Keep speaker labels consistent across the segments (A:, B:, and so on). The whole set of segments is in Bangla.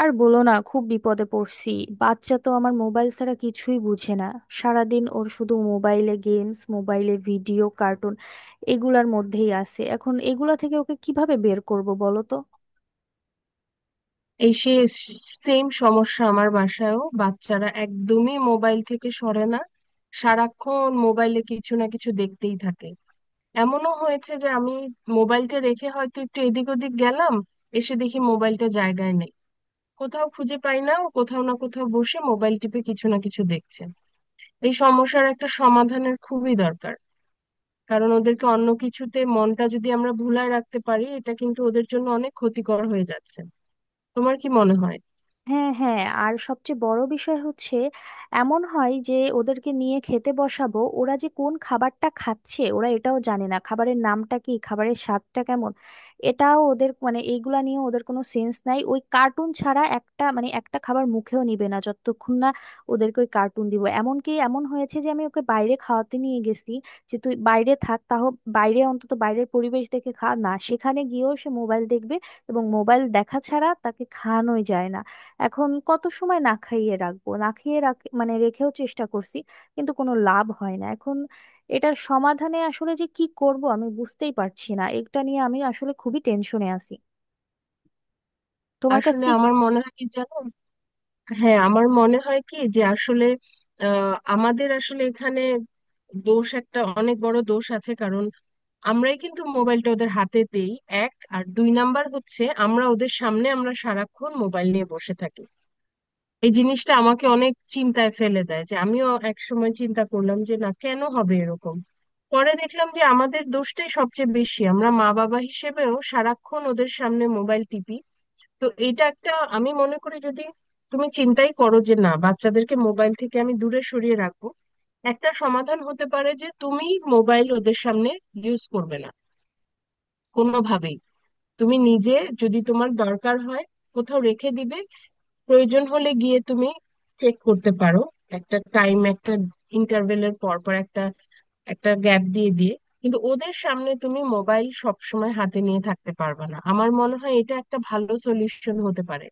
A: আর বলো না, খুব বিপদে পড়ছি। বাচ্চা তো আমার মোবাইল ছাড়া কিছুই বুঝে না। সারাদিন ওর শুধু মোবাইলে গেমস, মোবাইলে ভিডিও, কার্টুন এগুলার মধ্যেই আছে। এখন এগুলা থেকে ওকে কিভাবে বের করব বলো তো।
B: এই সে সেম সমস্যা, আমার বাসায়ও বাচ্চারা একদমই মোবাইল থেকে সরে না। সারাক্ষণ মোবাইলে কিছু না কিছু দেখতেই থাকে। এমনও হয়েছে যে আমি মোবাইলটা রেখে হয়তো একটু এদিক ওদিক গেলাম, এসে দেখি মোবাইলটা জায়গায় নেই, কোথাও খুঁজে পাই না। ও কোথাও না কোথাও বসে মোবাইল টিপে কিছু না কিছু দেখছে। এই সমস্যার একটা সমাধানের খুবই দরকার, কারণ ওদেরকে অন্য কিছুতে মনটা যদি আমরা ভুলায় রাখতে পারি, এটা কিন্তু ওদের জন্য অনেক ক্ষতিকর হয়ে যাচ্ছে। তোমার কি মনে হয়?
A: হ্যাঁ, হ্যাঁ, আর সবচেয়ে বড় বিষয় হচ্ছে, এমন হয় যে ওদেরকে নিয়ে খেতে বসাবো, ওরা যে কোন খাবারটা খাচ্ছে ওরা এটাও জানে না, খাবারের নামটা কি, খাবারের স্বাদটা কেমন। এটাও ওদের, মানে এইগুলা নিয়ে ওদের কোনো সেন্স নাই। ওই কার্টুন ছাড়া একটা, মানে একটা খাবার মুখেও নিবে না যতক্ষণ না ওদেরকে ওই কার্টুন দিব। এমনকি এমন হয়েছে যে আমি ওকে বাইরে খাওয়াতে নিয়ে গেছি, যে তুই বাইরে থাক তাহলে, বাইরে অন্তত বাইরের পরিবেশ দেখে খা না, সেখানে গিয়েও সে মোবাইল দেখবে এবং মোবাইল দেখা ছাড়া তাকে খাওয়ানোই যায় না। এখন কত সময় না খাইয়ে রাখবো, না খাইয়ে রাখ, মানে রেখেও চেষ্টা করছি, কিন্তু কোনো লাভ হয় না। এখন এটার সমাধানে আসলে যে কি করব আমি বুঝতেই পারছি না, এটা নিয়ে আমি আসলে খুবই টেনশনে আছি। তোমার
B: আসলে
A: কাছে...
B: আমার মনে হয় কি জানো, হ্যাঁ আমার মনে হয় কি যে আসলে আমাদের আসলে এখানে দোষ, একটা অনেক বড় দোষ আছে। কারণ আমরাই কিন্তু মোবাইলটা ওদের হাতে দেই। এক আর দুই নাম্বার হচ্ছে, আমরা ওদের সামনে আমরা সারাক্ষণ মোবাইল নিয়ে বসে থাকি। এই জিনিসটা আমাকে অনেক চিন্তায় ফেলে দেয়। যে আমিও এক সময় চিন্তা করলাম যে না, কেন হবে এরকম? পরে দেখলাম যে আমাদের দোষটাই সবচেয়ে বেশি, আমরা মা বাবা হিসেবেও সারাক্ষণ ওদের সামনে মোবাইল টিপি। তো এটা একটা, আমি মনে করি যদি তুমি চিন্তাই করো যে না, বাচ্চাদেরকে মোবাইল থেকে আমি দূরে সরিয়ে রাখবো, একটা সমাধান হতে পারে যে তুমি মোবাইল ওদের সামনে ইউজ করবে না, কোনোভাবেই। তুমি নিজে যদি তোমার দরকার হয়, কোথাও রেখে দিবে, প্রয়োজন হলে গিয়ে তুমি চেক করতে পারো। একটা টাইম, একটা ইন্টারভেলের পর পর, একটা একটা গ্যাপ দিয়ে দিয়ে। কিন্তু ওদের সামনে তুমি মোবাইল সব সময় হাতে নিয়ে থাকতে পারবে না। আমার মনে হয় এটা একটা ভালো সলিউশন হতে পারে।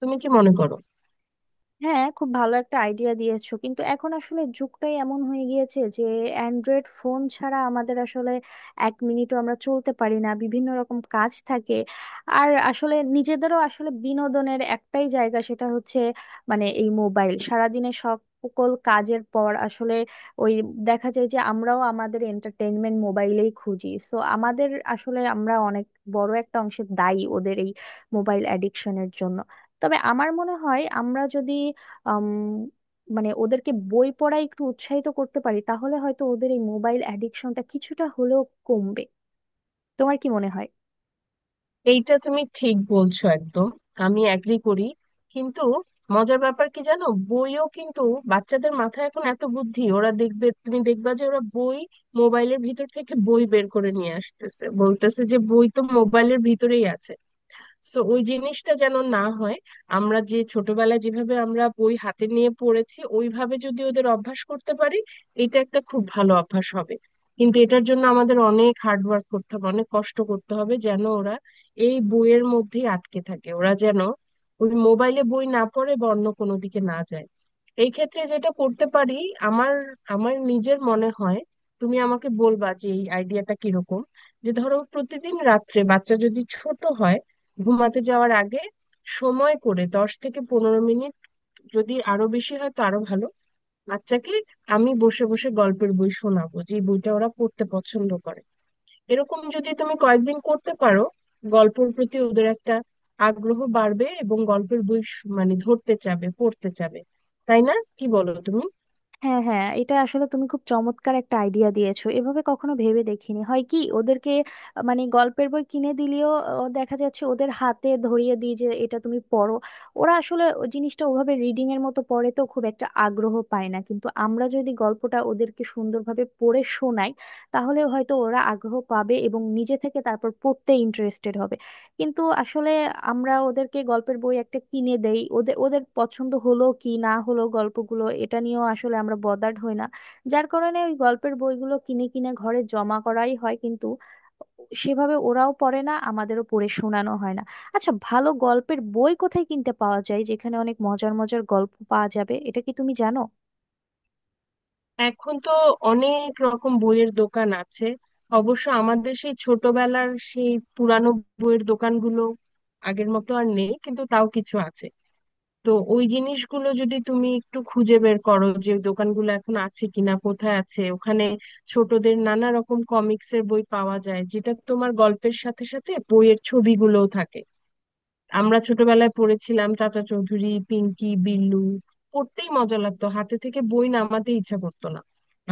B: তুমি কি মনে করো?
A: হ্যাঁ, খুব ভালো একটা আইডিয়া দিয়েছো, কিন্তু এখন আসলে যুগটাই এমন হয়ে গিয়েছে যে অ্যান্ড্রয়েড ফোন ছাড়া আমাদের আসলে 1 মিনিটও আমরা চলতে পারি না, বিভিন্ন রকম কাজ থাকে। আর আসলে নিজেদেরও আসলে বিনোদনের একটাই জায়গা, সেটা হচ্ছে মানে এই মোবাইল। সারাদিনে সব সকল কাজের পর আসলে ওই দেখা যায় যে আমরাও আমাদের এন্টারটেইনমেন্ট মোবাইলেই খুঁজি। সো আমাদের আসলে আমরা অনেক বড় একটা অংশে দায়ী ওদের এই মোবাইল অ্যাডিকশনের জন্য। তবে আমার মনে হয় আমরা যদি আম, মানে ওদেরকে বই পড়ায় একটু উৎসাহিত করতে পারি তাহলে হয়তো ওদের এই মোবাইল অ্যাডিকশনটা কিছুটা হলেও কমবে। তোমার কি মনে হয়?
B: এইটা তুমি ঠিক বলছো একদম, আমি এগ্রি করি। কিন্তু মজার ব্যাপার কি জানো, বইও কিন্তু, বাচ্চাদের মাথায় এখন এত বুদ্ধি, ওরা দেখবে, তুমি দেখবা যে ওরা বই মোবাইলের ভিতর থেকে বই বের করে নিয়ে আসতেছে, বলতেছে যে বই তো মোবাইলের ভিতরেই আছে। সো ওই জিনিসটা যেন না হয়। আমরা যে ছোটবেলায় যেভাবে আমরা বই হাতে নিয়ে পড়েছি, ওইভাবে যদি ওদের অভ্যাস করতে পারি, এটা একটা খুব ভালো অভ্যাস হবে। কিন্তু এটার জন্য আমাদের অনেক হার্ড ওয়ার্ক করতে হবে, অনেক কষ্ট করতে হবে যেন ওরা এই বইয়ের মধ্যেই আটকে থাকে, ওরা যেন ওই মোবাইলে বই না পড়ে বা অন্য কোনো দিকে না যায়। এই ক্ষেত্রে যেটা করতে পারি, আমার আমার নিজের মনে হয়, তুমি আমাকে বলবা যে এই আইডিয়াটা কিরকম, যে ধরো প্রতিদিন রাত্রে বাচ্চা যদি ছোট হয়, ঘুমাতে যাওয়ার আগে সময় করে 10 থেকে 15 মিনিট, যদি আরো বেশি হয় তো আরো ভালো, বাচ্চাকে আমি বসে বসে গল্পের বই শোনাবো, যে বইটা ওরা পড়তে পছন্দ করে। এরকম যদি তুমি কয়েকদিন করতে পারো, গল্পের প্রতি ওদের একটা আগ্রহ বাড়বে এবং গল্পের বই মানে ধরতে চাবে, পড়তে চাবে। তাই না, কি বলো তুমি?
A: হ্যাঁ, হ্যাঁ, এটা আসলে তুমি খুব চমৎকার একটা আইডিয়া দিয়েছো, এভাবে কখনো ভেবে দেখিনি। হয় কি, ওদেরকে মানে গল্পের বই কিনে দিলেও দেখা যাচ্ছে ওদের হাতে ধরিয়ে দিই যে এটা তুমি পড়ো, ওরা আসলে ওই জিনিসটা ওভাবে রিডিং এর মতো পড়ে তো খুব একটা আগ্রহ পায় না। কিন্তু আমরা যদি গল্পটা ওদেরকে সুন্দরভাবে পড়ে শোনাই তাহলে হয়তো ওরা আগ্রহ পাবে এবং নিজে থেকে তারপর পড়তে ইন্টারেস্টেড হবে। কিন্তু আসলে আমরা ওদেরকে গল্পের বই একটা কিনে দেই, ওদের ওদের পছন্দ হলো কি না হলো গল্পগুলো, এটা নিয়েও আসলে আমরা বদার্ড হই না। যার কারণে ওই গল্পের বইগুলো কিনে কিনে ঘরে জমা করাই হয় কিন্তু সেভাবে ওরাও পড়ে না, আমাদেরও পড়ে শোনানো হয় না। আচ্ছা, ভালো গল্পের বই কোথায় কিনতে পাওয়া যায় যেখানে অনেক মজার মজার গল্প পাওয়া যাবে, এটা কি তুমি জানো?
B: এখন তো অনেক রকম বইয়ের দোকান আছে। অবশ্য আমাদের সেই ছোটবেলার সেই পুরানো বইয়ের দোকানগুলো আগের মতো আর নেই, কিন্তু তাও কিছু আছে। তো ওই জিনিসগুলো যদি তুমি একটু খুঁজে বের করো যে ওই দোকানগুলো এখন আছে কিনা, কোথায় আছে, ওখানে ছোটদের নানা রকম কমিক্সের বই পাওয়া যায়, যেটা তোমার গল্পের সাথে সাথে বইয়ের ছবিগুলোও থাকে। আমরা ছোটবেলায় পড়েছিলাম চাচা চৌধুরী, পিঙ্কি, বিল্লু। পড়তেই মজা লাগতো, হাতে থেকে বই নামাতে ইচ্ছা করতো না।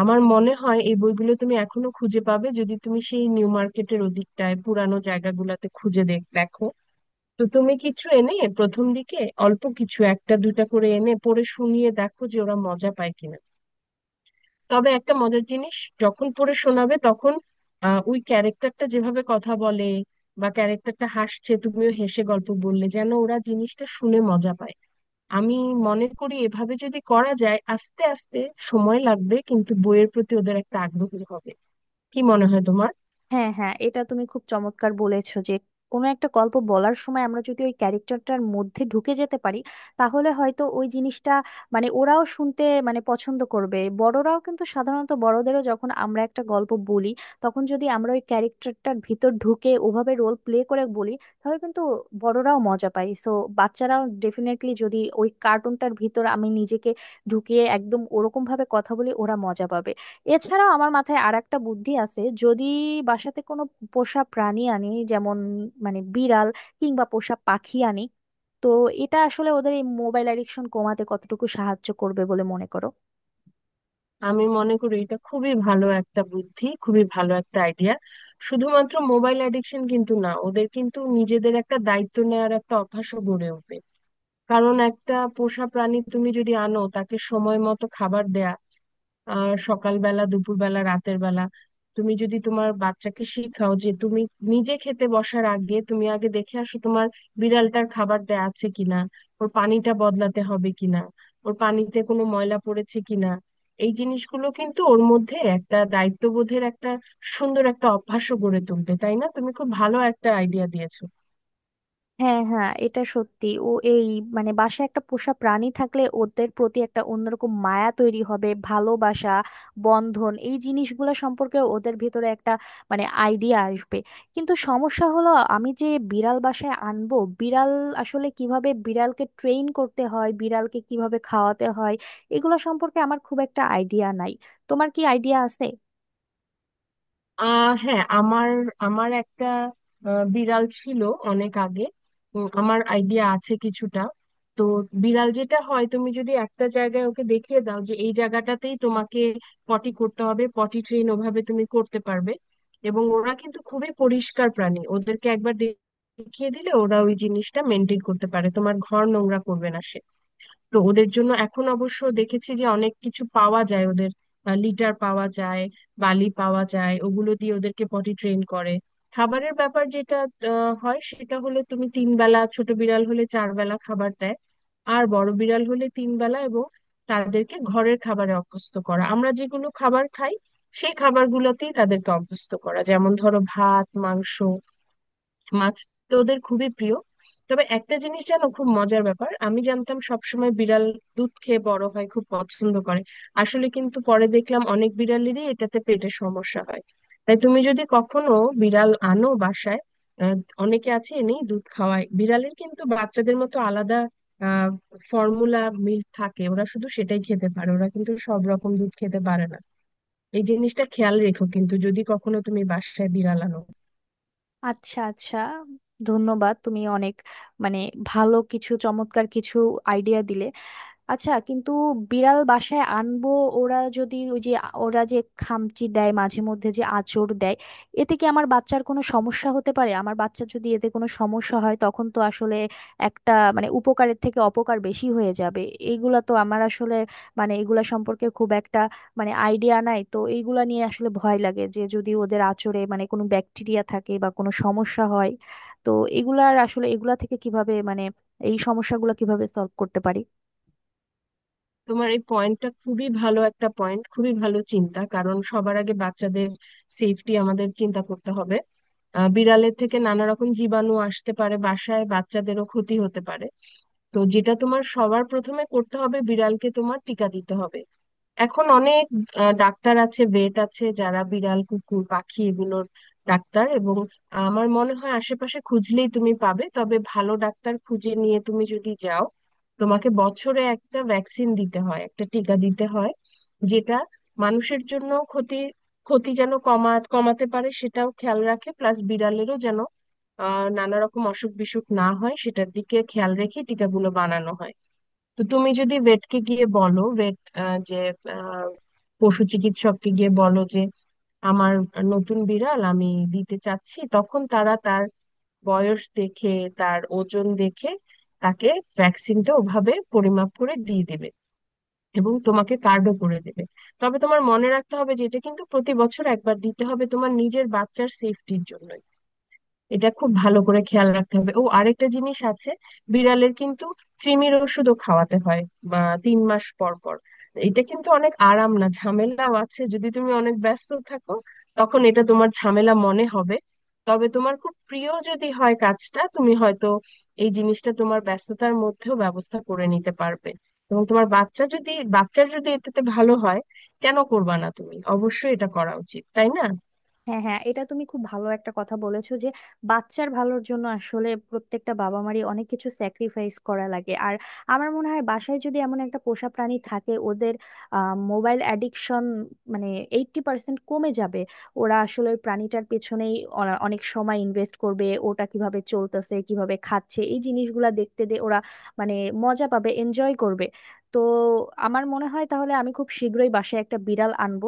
B: আমার মনে হয় এই বইগুলো তুমি এখনো খুঁজে পাবে যদি তুমি সেই নিউ মার্কেটের ওদিকটায় পুরানো জায়গাগুলোতে খুঁজে দেখো। তো তুমি কিছু এনে, প্রথম দিকে অল্প কিছু, একটা দুইটা করে এনে পড়ে শুনিয়ে দেখো যে ওরা মজা পায় কিনা। তবে একটা মজার জিনিস, যখন পড়ে শোনাবে তখন, ওই ক্যারেক্টারটা যেভাবে কথা বলে বা ক্যারেক্টারটা হাসছে, তুমিও হেসে গল্প বললে যেন ওরা জিনিসটা শুনে মজা পায়। আমি মনে করি এভাবে যদি করা যায়, আস্তে আস্তে সময় লাগবে, কিন্তু বইয়ের প্রতি ওদের একটা আগ্রহ হবে। কি মনে হয় তোমার?
A: হ্যাঁ, হ্যাঁ, এটা তুমি খুব চমৎকার বলেছো যে কোনো একটা গল্প বলার সময় আমরা যদি ওই ক্যারেক্টারটার মধ্যে ঢুকে যেতে পারি তাহলে হয়তো ওই জিনিসটা, মানে ওরাও শুনতে মানে পছন্দ করবে। বড়রাও কিন্তু সাধারণত, বড়দেরও যখন আমরা একটা গল্প বলি, তখন যদি আমরা ওই ক্যারেক্টারটার ভিতর ঢুকে ওভাবে রোল প্লে করে বলি, তাহলে কিন্তু বড়রাও মজা পায়। সো বাচ্চারাও ডেফিনেটলি, যদি ওই কার্টুনটার ভিতর আমি নিজেকে ঢুকিয়ে একদম ওরকম ভাবে কথা বলি, ওরা মজা পাবে। এছাড়াও আমার মাথায় আর একটা বুদ্ধি আছে, যদি বাসাতে কোনো পোষা প্রাণী আনি, যেমন মানে বিড়াল কিংবা পোষা পাখি আনি, তো এটা আসলে ওদের এই মোবাইল অ্যাডিকশন কমাতে কতটুকু সাহায্য করবে বলে মনে করো?
B: আমি মনে করি এটা খুবই ভালো একটা বুদ্ধি, খুবই ভালো একটা আইডিয়া। শুধুমাত্র মোবাইল অ্যাডিকশন কিন্তু না, ওদের কিন্তু নিজেদের একটা দায়িত্ব নেওয়ার একটা অভ্যাসও গড়ে উঠবে। কারণ একটা পোষা প্রাণী তুমি যদি আনো, তাকে সময় মতো খাবার দেয়া, সকালবেলা, দুপুরবেলা, রাতের বেলা। তুমি যদি তোমার বাচ্চাকে শিখাও যে তুমি নিজে খেতে বসার আগে তুমি আগে দেখে আসো তোমার বিড়ালটার খাবার দেয়া আছে কিনা, ওর পানিটা বদলাতে হবে কিনা, ওর পানিতে কোনো ময়লা পড়েছে কিনা, এই জিনিসগুলো কিন্তু ওর মধ্যে একটা দায়িত্ববোধের একটা সুন্দর একটা অভ্যাসও গড়ে তুলবে। তাই না, তুমি খুব ভালো একটা আইডিয়া দিয়েছো।
A: হ্যাঁ, হ্যাঁ, এটা সত্যি। ও এই মানে বাসায় একটা পোষা প্রাণী থাকলে ওদের প্রতি একটা অন্যরকম মায়া তৈরি হবে, ভালোবাসা, বন্ধন, এই জিনিসগুলো সম্পর্কে ওদের ভিতরে একটা মানে আইডিয়া আসবে। কিন্তু সমস্যা হলো আমি যে বিড়াল বাসায় আনবো, বিড়াল আসলে কিভাবে বিড়ালকে ট্রেন করতে হয়, বিড়ালকে কিভাবে খাওয়াতে হয় এগুলো সম্পর্কে আমার খুব একটা আইডিয়া নাই। তোমার কি আইডিয়া আছে?
B: হ্যাঁ, আমার আমার একটা বিড়াল ছিল অনেক আগে। আমার আইডিয়া আছে কিছুটা। তো বিড়াল যেটা হয়, তুমি যদি একটা জায়গায় ওকে দেখিয়ে দাও যে এই জায়গাটাতেই তোমাকে পটি করতে হবে, পটি ট্রেন ওভাবে তুমি করতে পারবে। এবং ওরা কিন্তু খুবই পরিষ্কার প্রাণী, ওদেরকে একবার দেখিয়ে দিলে ওরা ওই জিনিসটা মেনটেন করতে পারে, তোমার ঘর নোংরা করবে না। তো ওদের জন্য এখন অবশ্য দেখেছি যে অনেক কিছু পাওয়া যায় ওদের, লিটার পাওয়া যায়, বালি পাওয়া যায়, ওগুলো দিয়ে ওদেরকে পটি ট্রেন করে। খাবারের ব্যাপার যেটা হয়, সেটা হলো তুমি 3 বেলা, ছোট বিড়াল হলে 4 বেলা খাবার দেয়, আর বড় বিড়াল হলে 3 বেলা। এবং তাদেরকে ঘরের খাবারে অভ্যস্ত করা, আমরা যেগুলো খাবার খাই সেই খাবারগুলোতেই তাদেরকে অভ্যস্ত করা, যেমন ধরো ভাত, মাংস, মাছ, তো ওদের খুবই প্রিয়। তবে একটা জিনিস জানো, খুব মজার ব্যাপার, আমি জানতাম সবসময় বিড়াল দুধ খেয়ে বড় হয়, খুব পছন্দ করে। আসলে কিন্তু পরে দেখলাম অনেক বিড়ালেরই এটাতে পেটের সমস্যা হয়। তাই তুমি যদি কখনো বিড়াল আনো বাসায়, আহ, অনেকে আছে এনেই দুধ খাওয়ায় বিড়ালের, কিন্তু বাচ্চাদের মতো আলাদা আহ ফর্মুলা মিল্ক থাকে, ওরা শুধু সেটাই খেতে পারে, ওরা কিন্তু সব রকম দুধ খেতে পারে না। এই জিনিসটা খেয়াল রেখো কিন্তু যদি কখনো তুমি বাসায় বিড়াল আনো।
A: আচ্ছা, আচ্ছা, ধন্যবাদ। তুমি অনেক মানে ভালো কিছু, চমৎকার কিছু আইডিয়া দিলে। আচ্ছা কিন্তু বিড়াল বাসায় আনবো, ওরা যদি ওই যে ওরা যে খামচি দেয়, মাঝে মধ্যে যে আঁচড় দেয়, এতে কি আমার বাচ্চার কোনো সমস্যা হতে পারে? আমার বাচ্চা যদি এতে কোনো সমস্যা হয় তখন তো আসলে একটা মানে উপকারের থেকে অপকার বেশি হয়ে যাবে। এইগুলা তো আমার আসলে, মানে এগুলা সম্পর্কে খুব একটা মানে আইডিয়া নাই তো এইগুলা নিয়ে আসলে ভয় লাগে, যে যদি ওদের আঁচড়ে মানে কোনো ব্যাকটেরিয়া থাকে বা কোনো সমস্যা হয়, তো এগুলার আসলে, এগুলা থেকে কিভাবে মানে এই সমস্যাগুলো কিভাবে সলভ করতে পারি?
B: তোমার এই পয়েন্টটা খুবই ভালো একটা পয়েন্ট, খুবই ভালো চিন্তা। কারণ সবার আগে বাচ্চাদের সেফটি আমাদের চিন্তা করতে হবে। বিড়ালের থেকে নানা রকম জীবাণু আসতে পারে বাসায়, বাচ্চাদেরও ক্ষতি হতে পারে। তো যেটা তোমার সবার প্রথমে করতে হবে, বিড়ালকে তোমার টিকা দিতে হবে। এখন অনেক ডাক্তার আছে, ভেট আছে, যারা বিড়াল, কুকুর, পাখি, এগুলোর ডাক্তার। এবং আমার মনে হয় আশেপাশে খুঁজলেই তুমি পাবে। তবে ভালো ডাক্তার খুঁজে নিয়ে তুমি যদি যাও, তোমাকে বছরে একটা ভ্যাকসিন দিতে হয়, একটা টিকা দিতে হয়, যেটা মানুষের জন্য ক্ষতি ক্ষতি যেন কমাতে পারে সেটাও খেয়াল রাখে। প্লাস বিড়ালেরও যেন নানা রকম অসুখ বিসুখ না হয় সেটার দিকে খেয়াল রেখে টিকাগুলো বানানো হয়। তো তুমি যদি ভেটকে গিয়ে বলো, ভেট যে আহ, পশু চিকিৎসককে গিয়ে বলো যে আমার নতুন বিড়াল, আমি দিতে চাচ্ছি, তখন তারা তার বয়স দেখে, তার ওজন দেখে তাকে ভ্যাকসিনটা ওভাবে পরিমাপ করে দিয়ে দেবে এবং তোমাকে কার্ডও করে দেবে। তবে তোমার মনে রাখতে হবে যে এটা কিন্তু প্রতি বছর একবার দিতে হবে, তোমার নিজের বাচ্চার সেফটির জন্য এটা খুব ভালো করে খেয়াল রাখতে হবে। ও আরেকটা জিনিস আছে, বিড়ালের কিন্তু কৃমির ওষুধও খাওয়াতে হয় বা 3 মাস পর পর। এটা কিন্তু অনেক আরাম না, ঝামেলাও আছে। যদি তুমি অনেক ব্যস্ত থাকো, তখন এটা তোমার ঝামেলা মনে হবে। তবে তোমার খুব প্রিয় যদি হয় কাজটা, তুমি হয়তো এই জিনিসটা তোমার ব্যস্ততার মধ্যেও ব্যবস্থা করে নিতে পারবে। এবং তোমার বাচ্চা যদি, বাচ্চার যদি এটাতে ভালো হয়, কেন করবা না? তুমি অবশ্যই এটা করা উচিত, তাই না?
A: হ্যাঁ, হ্যাঁ, এটা তুমি খুব ভালো একটা কথা বলেছো যে বাচ্চার ভালোর জন্য আসলে প্রত্যেকটা বাবা মারই অনেক কিছু স্যাক্রিফাইস করা লাগে। আর আমার মনে হয় বাসায় যদি এমন একটা পোষা প্রাণী থাকে ওদের মোবাইল অ্যাডিকশন, মানে 80% কমে যাবে। ওরা আসলে ওই প্রাণীটার পেছনেই অনেক সময় ইনভেস্ট করবে, ওটা কিভাবে চলতেছে, কিভাবে খাচ্ছে, এই জিনিসগুলা দেখতে দে ওরা, মানে মজা পাবে, এনজয় করবে। তো আমার মনে হয় তাহলে আমি খুব শীঘ্রই বাসায় একটা বিড়াল আনবো।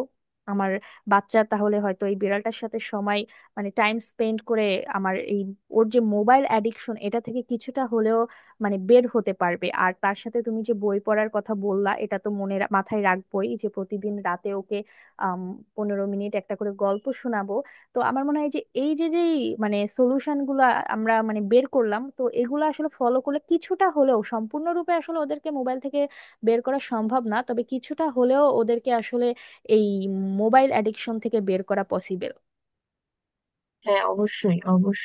A: আমার বাচ্চা তাহলে হয়তো এই বিড়ালটার সাথে সময়, মানে টাইম স্পেন্ড করে আমার এই ওর যে মোবাইল অ্যাডিকশন, এটা থেকে কিছুটা হলেও মানে বের হতে পারবে। আর তার সাথে তুমি যে বই পড়ার কথা বললা, এটা তো মনে মাথায় রাখবোই যে প্রতিদিন রাতে ওকে আম, 15 মিনিট একটা করে গল্প শোনাবো। তো আমার মনে হয় যে এই যে যে মানে সলিউশন গুলা আমরা মানে বের করলাম, তো এগুলো আসলে ফলো করলে কিছুটা হলেও, সম্পূর্ণরূপে আসলে ওদেরকে মোবাইল থেকে বের করা সম্ভব না, তবে কিছুটা হলেও ওদেরকে আসলে এই মোবাইল অ্যাডিকশন থেকে বের করা পসিবল।
B: হ্যাঁ, অবশ্যই অবশ্যই।